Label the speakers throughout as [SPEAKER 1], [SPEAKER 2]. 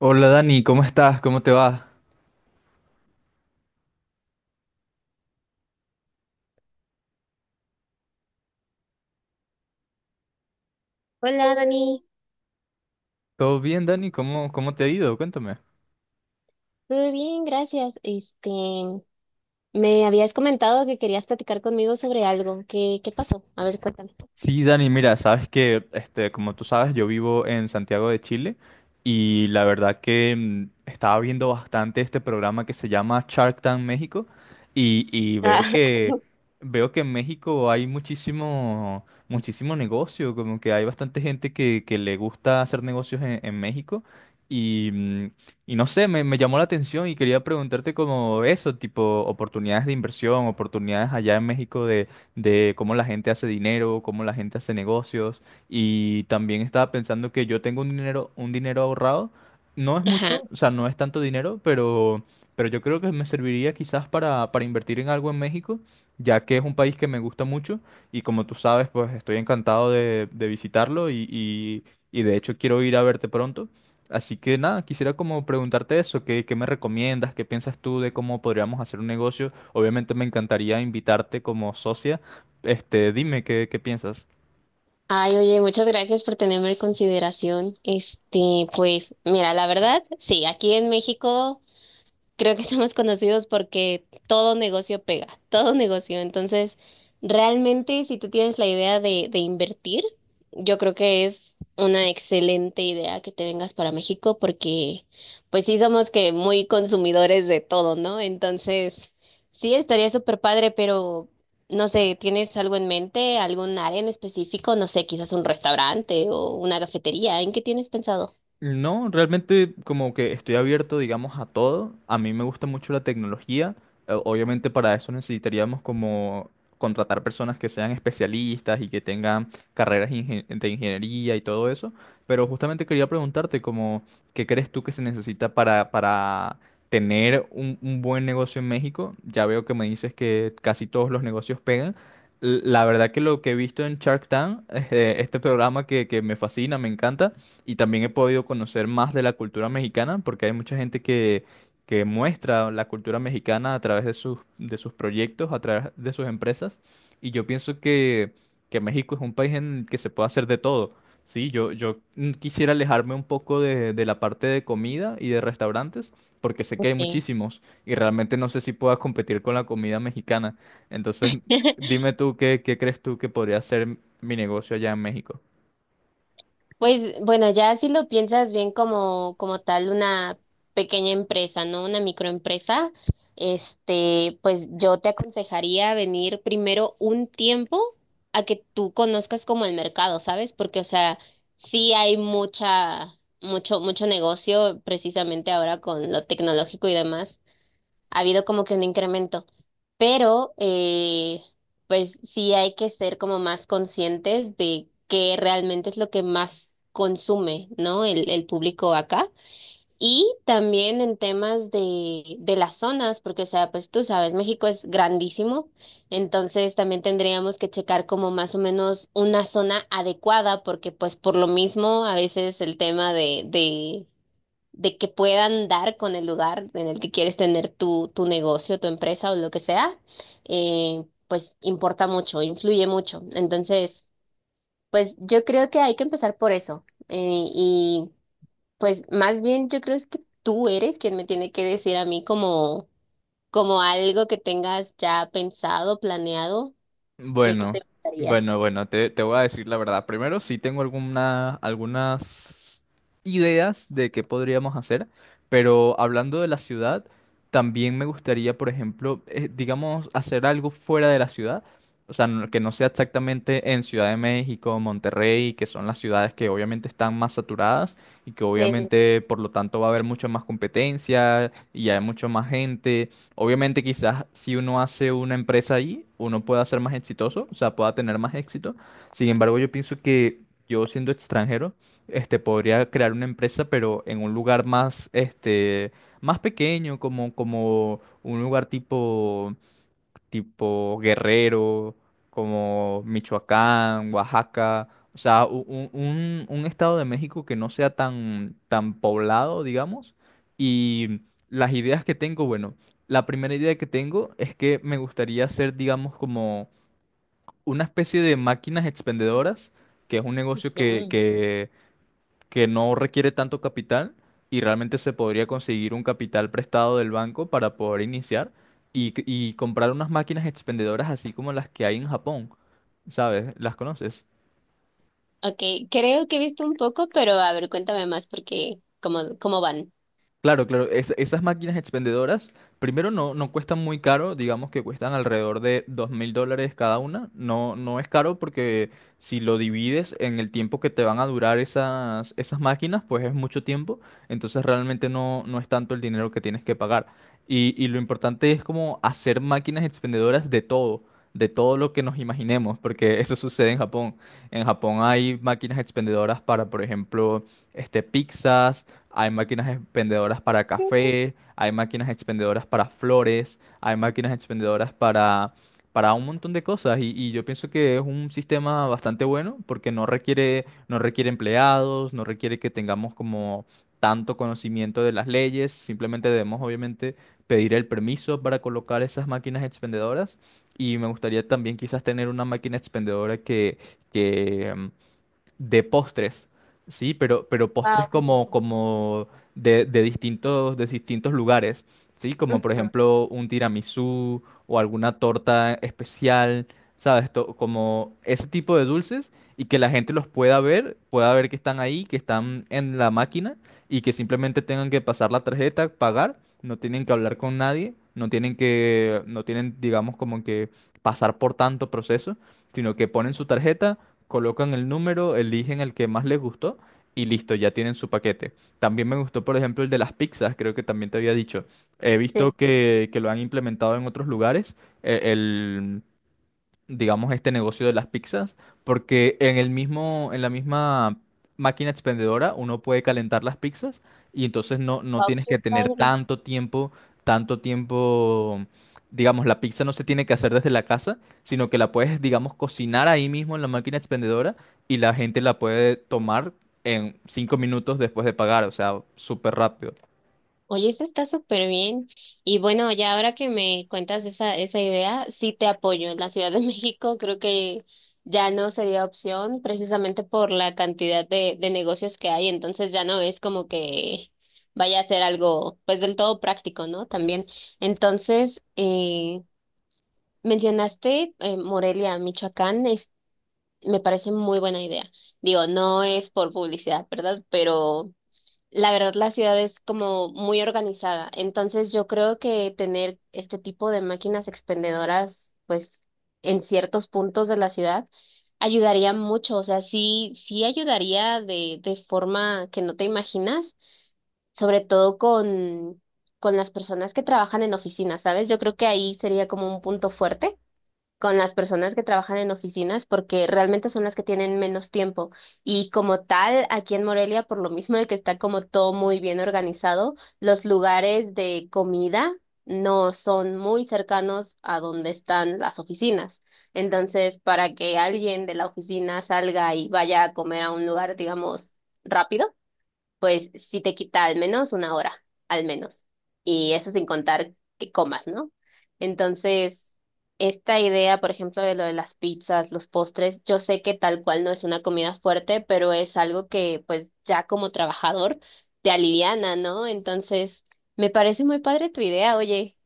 [SPEAKER 1] Hola Dani, ¿cómo estás? ¿Cómo te va?
[SPEAKER 2] Hola Dani,
[SPEAKER 1] ¿Todo bien, Dani? ¿Cómo te ha ido? Cuéntame.
[SPEAKER 2] todo bien, gracias. Me habías comentado que querías platicar conmigo sobre algo. ¿Qué pasó? A ver, cuéntame.
[SPEAKER 1] Sí, Dani, mira, sabes que, como tú sabes, yo vivo en Santiago de Chile y la verdad que estaba viendo bastante este programa que se llama Shark Tank México y
[SPEAKER 2] Ah,
[SPEAKER 1] veo que en México hay muchísimo muchísimo negocio, como que hay bastante gente que le gusta hacer negocios en México y y no sé, me llamó la atención y quería preguntarte como eso, tipo oportunidades de inversión, oportunidades allá en México de cómo la gente hace dinero, cómo la gente hace negocios. Y también estaba pensando que yo tengo un dinero ahorrado. No es mucho,
[SPEAKER 2] ajá.
[SPEAKER 1] o sea, no es tanto dinero, pero yo creo que me serviría quizás para invertir en algo en México, ya que es un país que me gusta mucho y como tú sabes, pues estoy encantado de visitarlo y de hecho quiero ir a verte pronto. Así que nada, quisiera como preguntarte eso, ¿qué me recomiendas? ¿Qué piensas tú de cómo podríamos hacer un negocio? Obviamente me encantaría invitarte como socia, dime qué piensas.
[SPEAKER 2] Ay, oye, muchas gracias por tenerme en consideración. Pues, mira, la verdad, sí, aquí en México. Creo que somos conocidos porque todo negocio pega, todo negocio. Entonces, realmente si tú tienes la idea de invertir, yo creo que es una excelente idea que te vengas para México porque pues sí somos que muy consumidores de todo, ¿no? Entonces, sí estaría súper padre, pero no sé, ¿tienes algo en mente, algún área en específico? No sé, quizás un restaurante o una cafetería, ¿en qué tienes pensado?
[SPEAKER 1] No, realmente como que estoy abierto, digamos, a todo. A mí me gusta mucho la tecnología. Obviamente para eso necesitaríamos como contratar personas que sean especialistas y que tengan carreras de ingeniería y todo eso. Pero justamente quería preguntarte como, ¿qué crees tú que se necesita para tener un buen negocio en México? Ya veo que me dices que casi todos los negocios pegan. La verdad que lo que he visto en Shark Tank, este programa que me fascina, me encanta, y también he podido conocer más de la cultura mexicana porque hay mucha gente que muestra la cultura mexicana a través de sus proyectos, a través de sus empresas. Y yo pienso que México es un país en el que se puede hacer de todo. Sí, yo quisiera alejarme un poco de la parte de comida y de restaurantes, porque sé que hay
[SPEAKER 2] Sí.
[SPEAKER 1] muchísimos y realmente no sé si pueda competir con la comida mexicana. Entonces, dime tú qué, qué crees tú que podría ser mi negocio allá en México.
[SPEAKER 2] Pues bueno, ya si lo piensas bien como, como tal una pequeña empresa, ¿no? Una microempresa, pues yo te aconsejaría venir primero un tiempo a que tú conozcas como el mercado, ¿sabes? Porque, o sea, sí hay mucha, mucho, mucho negocio precisamente ahora con lo tecnológico y demás ha habido como que un incremento, pero pues sí hay que ser como más conscientes de qué realmente es lo que más consume, ¿no? El público acá. Y también en temas de las zonas, porque, o sea, pues tú sabes, México es grandísimo, entonces también tendríamos que checar como más o menos una zona adecuada, porque pues por lo mismo a veces el tema de, de que puedan dar con el lugar en el que quieres tener tu, tu negocio, tu empresa o lo que sea, pues importa mucho, influye mucho. Entonces, pues yo creo que hay que empezar por eso. Y pues más bien yo creo es que tú eres quien me tiene que decir a mí como, como algo que tengas ya pensado, planeado, que
[SPEAKER 1] Bueno,
[SPEAKER 2] te gustaría.
[SPEAKER 1] bueno, te voy a decir la verdad. Primero, sí tengo alguna, algunas ideas de qué podríamos hacer, pero hablando de la ciudad, también me gustaría, por ejemplo, digamos, hacer algo fuera de la ciudad, o sea, que no sea exactamente en Ciudad de México, Monterrey, que son las ciudades que obviamente están más saturadas y que
[SPEAKER 2] Sí, sí.
[SPEAKER 1] obviamente, por lo tanto, va a haber mucha más competencia y hay mucha más gente. Obviamente quizás si uno hace una empresa ahí, uno pueda ser más exitoso, o sea, pueda tener más éxito. Sin embargo, yo pienso que yo siendo extranjero, podría crear una empresa, pero en un lugar más, más pequeño, como, como un lugar tipo tipo Guerrero, como Michoacán, Oaxaca, o sea, un estado de México que no sea tan poblado, digamos. Y las ideas que tengo, bueno, la primera idea que tengo es que me gustaría hacer, digamos, como una especie de máquinas expendedoras, que es un negocio
[SPEAKER 2] Mm,
[SPEAKER 1] que no requiere tanto capital y realmente se podría conseguir un capital prestado del banco para poder iniciar y comprar unas máquinas expendedoras así como las que hay en Japón, ¿sabes? ¿Las conoces?
[SPEAKER 2] Ok, creo que he visto un poco, pero a ver, cuéntame más porque cómo, cómo van.
[SPEAKER 1] Claro, claro. Esas máquinas expendedoras, primero no, no cuestan muy caro, digamos que cuestan alrededor de $2,000 cada una. No, no es caro porque si lo divides en el tiempo que te van a durar esas, esas máquinas, pues es mucho tiempo. Entonces realmente no, no es tanto el dinero que tienes que pagar. Y lo importante es como hacer máquinas expendedoras de todo lo que nos imaginemos, porque eso sucede en Japón. En Japón hay máquinas expendedoras para, por ejemplo, pizzas, hay máquinas expendedoras para café, hay máquinas expendedoras para flores, hay máquinas expendedoras para un montón de cosas. Y yo pienso que es un sistema bastante bueno porque no requiere, no requiere empleados, no requiere que tengamos como tanto conocimiento de las leyes, simplemente debemos obviamente pedir el permiso para colocar esas máquinas expendedoras. Y me gustaría también quizás tener una máquina expendedora que, de postres, ¿sí? Pero postres
[SPEAKER 2] Wow, qué
[SPEAKER 1] como,
[SPEAKER 2] rico.
[SPEAKER 1] como de distintos, de distintos lugares, ¿sí? Como por
[SPEAKER 2] Mm,
[SPEAKER 1] ejemplo un tiramisú o alguna torta especial, ¿sabes? Como ese tipo de dulces y que la gente los pueda ver que están ahí, que están en la máquina y que simplemente tengan que pasar la tarjeta, pagar, no tienen que hablar con nadie. No tienen que, no tienen, digamos, como que pasar por tanto proceso, sino que ponen su tarjeta, colocan el número, eligen el que más les gustó y listo, ya tienen su paquete. También me gustó, por ejemplo, el de las pizzas, creo que también te había dicho. He
[SPEAKER 2] Sí.
[SPEAKER 1] visto que lo han implementado en otros lugares. El, digamos, este negocio de las pizzas, porque en el mismo, en la misma máquina expendedora uno puede calentar las pizzas y entonces no, no
[SPEAKER 2] Wow,
[SPEAKER 1] tienes
[SPEAKER 2] qué
[SPEAKER 1] que tener
[SPEAKER 2] padre.
[SPEAKER 1] tanto tiempo, digamos, la pizza no se tiene que hacer desde la casa, sino que la puedes, digamos, cocinar ahí mismo en la máquina expendedora y la gente la puede tomar en 5 minutos después de pagar, o sea, súper rápido.
[SPEAKER 2] Oye, eso está súper bien. Y bueno, ya ahora que me cuentas esa, esa idea, sí te apoyo. En la Ciudad de México creo que ya no sería opción precisamente por la cantidad de negocios que hay. Entonces ya no es como que vaya a ser algo pues del todo práctico, ¿no? También. Entonces, mencionaste Morelia, Michoacán, es, me parece muy buena idea. Digo, no es por publicidad, ¿verdad? Pero la verdad, la ciudad es como muy organizada, entonces yo creo que tener este tipo de máquinas expendedoras, pues en ciertos puntos de la ciudad, ayudaría mucho, o sea, sí, sí ayudaría de forma que no te imaginas, sobre todo con las personas que trabajan en oficinas, ¿sabes? Yo creo que ahí sería como un punto fuerte con las personas que trabajan en oficinas porque realmente son las que tienen menos tiempo. Y como tal, aquí en Morelia, por lo mismo de que está como todo muy bien organizado, los lugares de comida no son muy cercanos a donde están las oficinas. Entonces, para que alguien de la oficina salga y vaya a comer a un lugar, digamos, rápido, pues sí te quita al menos una hora, al menos. Y eso sin contar que comas, ¿no? Entonces, esta idea, por ejemplo, de lo de las pizzas, los postres, yo sé que tal cual no es una comida fuerte, pero es algo que pues ya como trabajador te aliviana, ¿no? Entonces, me parece muy padre tu idea, oye.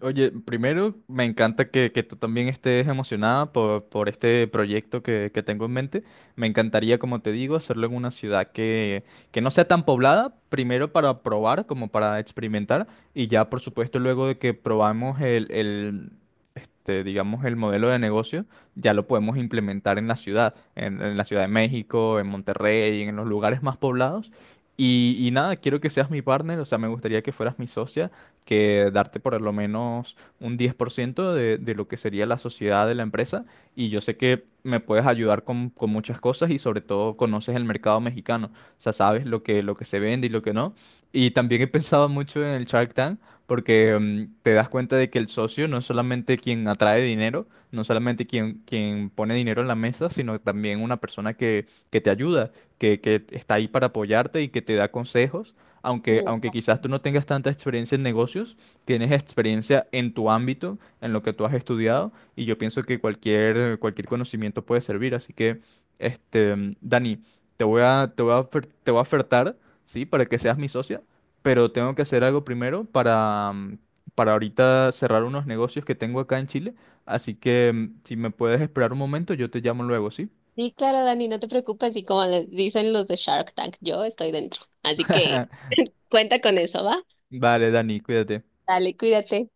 [SPEAKER 1] Oye, primero me encanta que tú también estés emocionada por este proyecto que tengo en mente. Me encantaría, como te digo, hacerlo en una ciudad que no sea tan poblada, primero para probar, como para experimentar, y ya, por supuesto, luego de que probamos el, digamos, el modelo de negocio, ya lo podemos implementar en la ciudad, en la Ciudad de México, en Monterrey, en los lugares más poblados. Y nada, quiero que seas mi partner, o sea, me gustaría que fueras mi socia, que darte por lo menos un 10% de lo que sería la sociedad de la empresa. Y yo sé que me puedes ayudar con muchas cosas y sobre todo conoces el mercado mexicano. O sea, sabes lo que se vende y lo que no. Y también he pensado mucho en el Shark Tank porque te das cuenta de que el socio no es solamente quien atrae dinero, no solamente quien, quien pone dinero en la mesa, sino también una persona que te ayuda, que está ahí para apoyarte y que te da consejos
[SPEAKER 2] Sí,
[SPEAKER 1] aunque, aunque quizás tú no tengas tanta experiencia en negocios, tienes experiencia en tu ámbito, en lo que tú has estudiado, y yo pienso que cualquier, cualquier conocimiento puede servir. Así que, Dani, te voy a ofertar, ¿sí? Para que seas mi socia, pero tengo que hacer algo primero para para ahorita cerrar unos negocios que tengo acá en Chile. Así que, si me puedes esperar un momento, yo te llamo luego, ¿sí?
[SPEAKER 2] sí, claro, Dani, no te preocupes, y como les dicen los de Shark Tank, yo estoy dentro. Así que cuenta con eso, ¿va?
[SPEAKER 1] Vale, Dani, cuídate.
[SPEAKER 2] Dale, cuídate.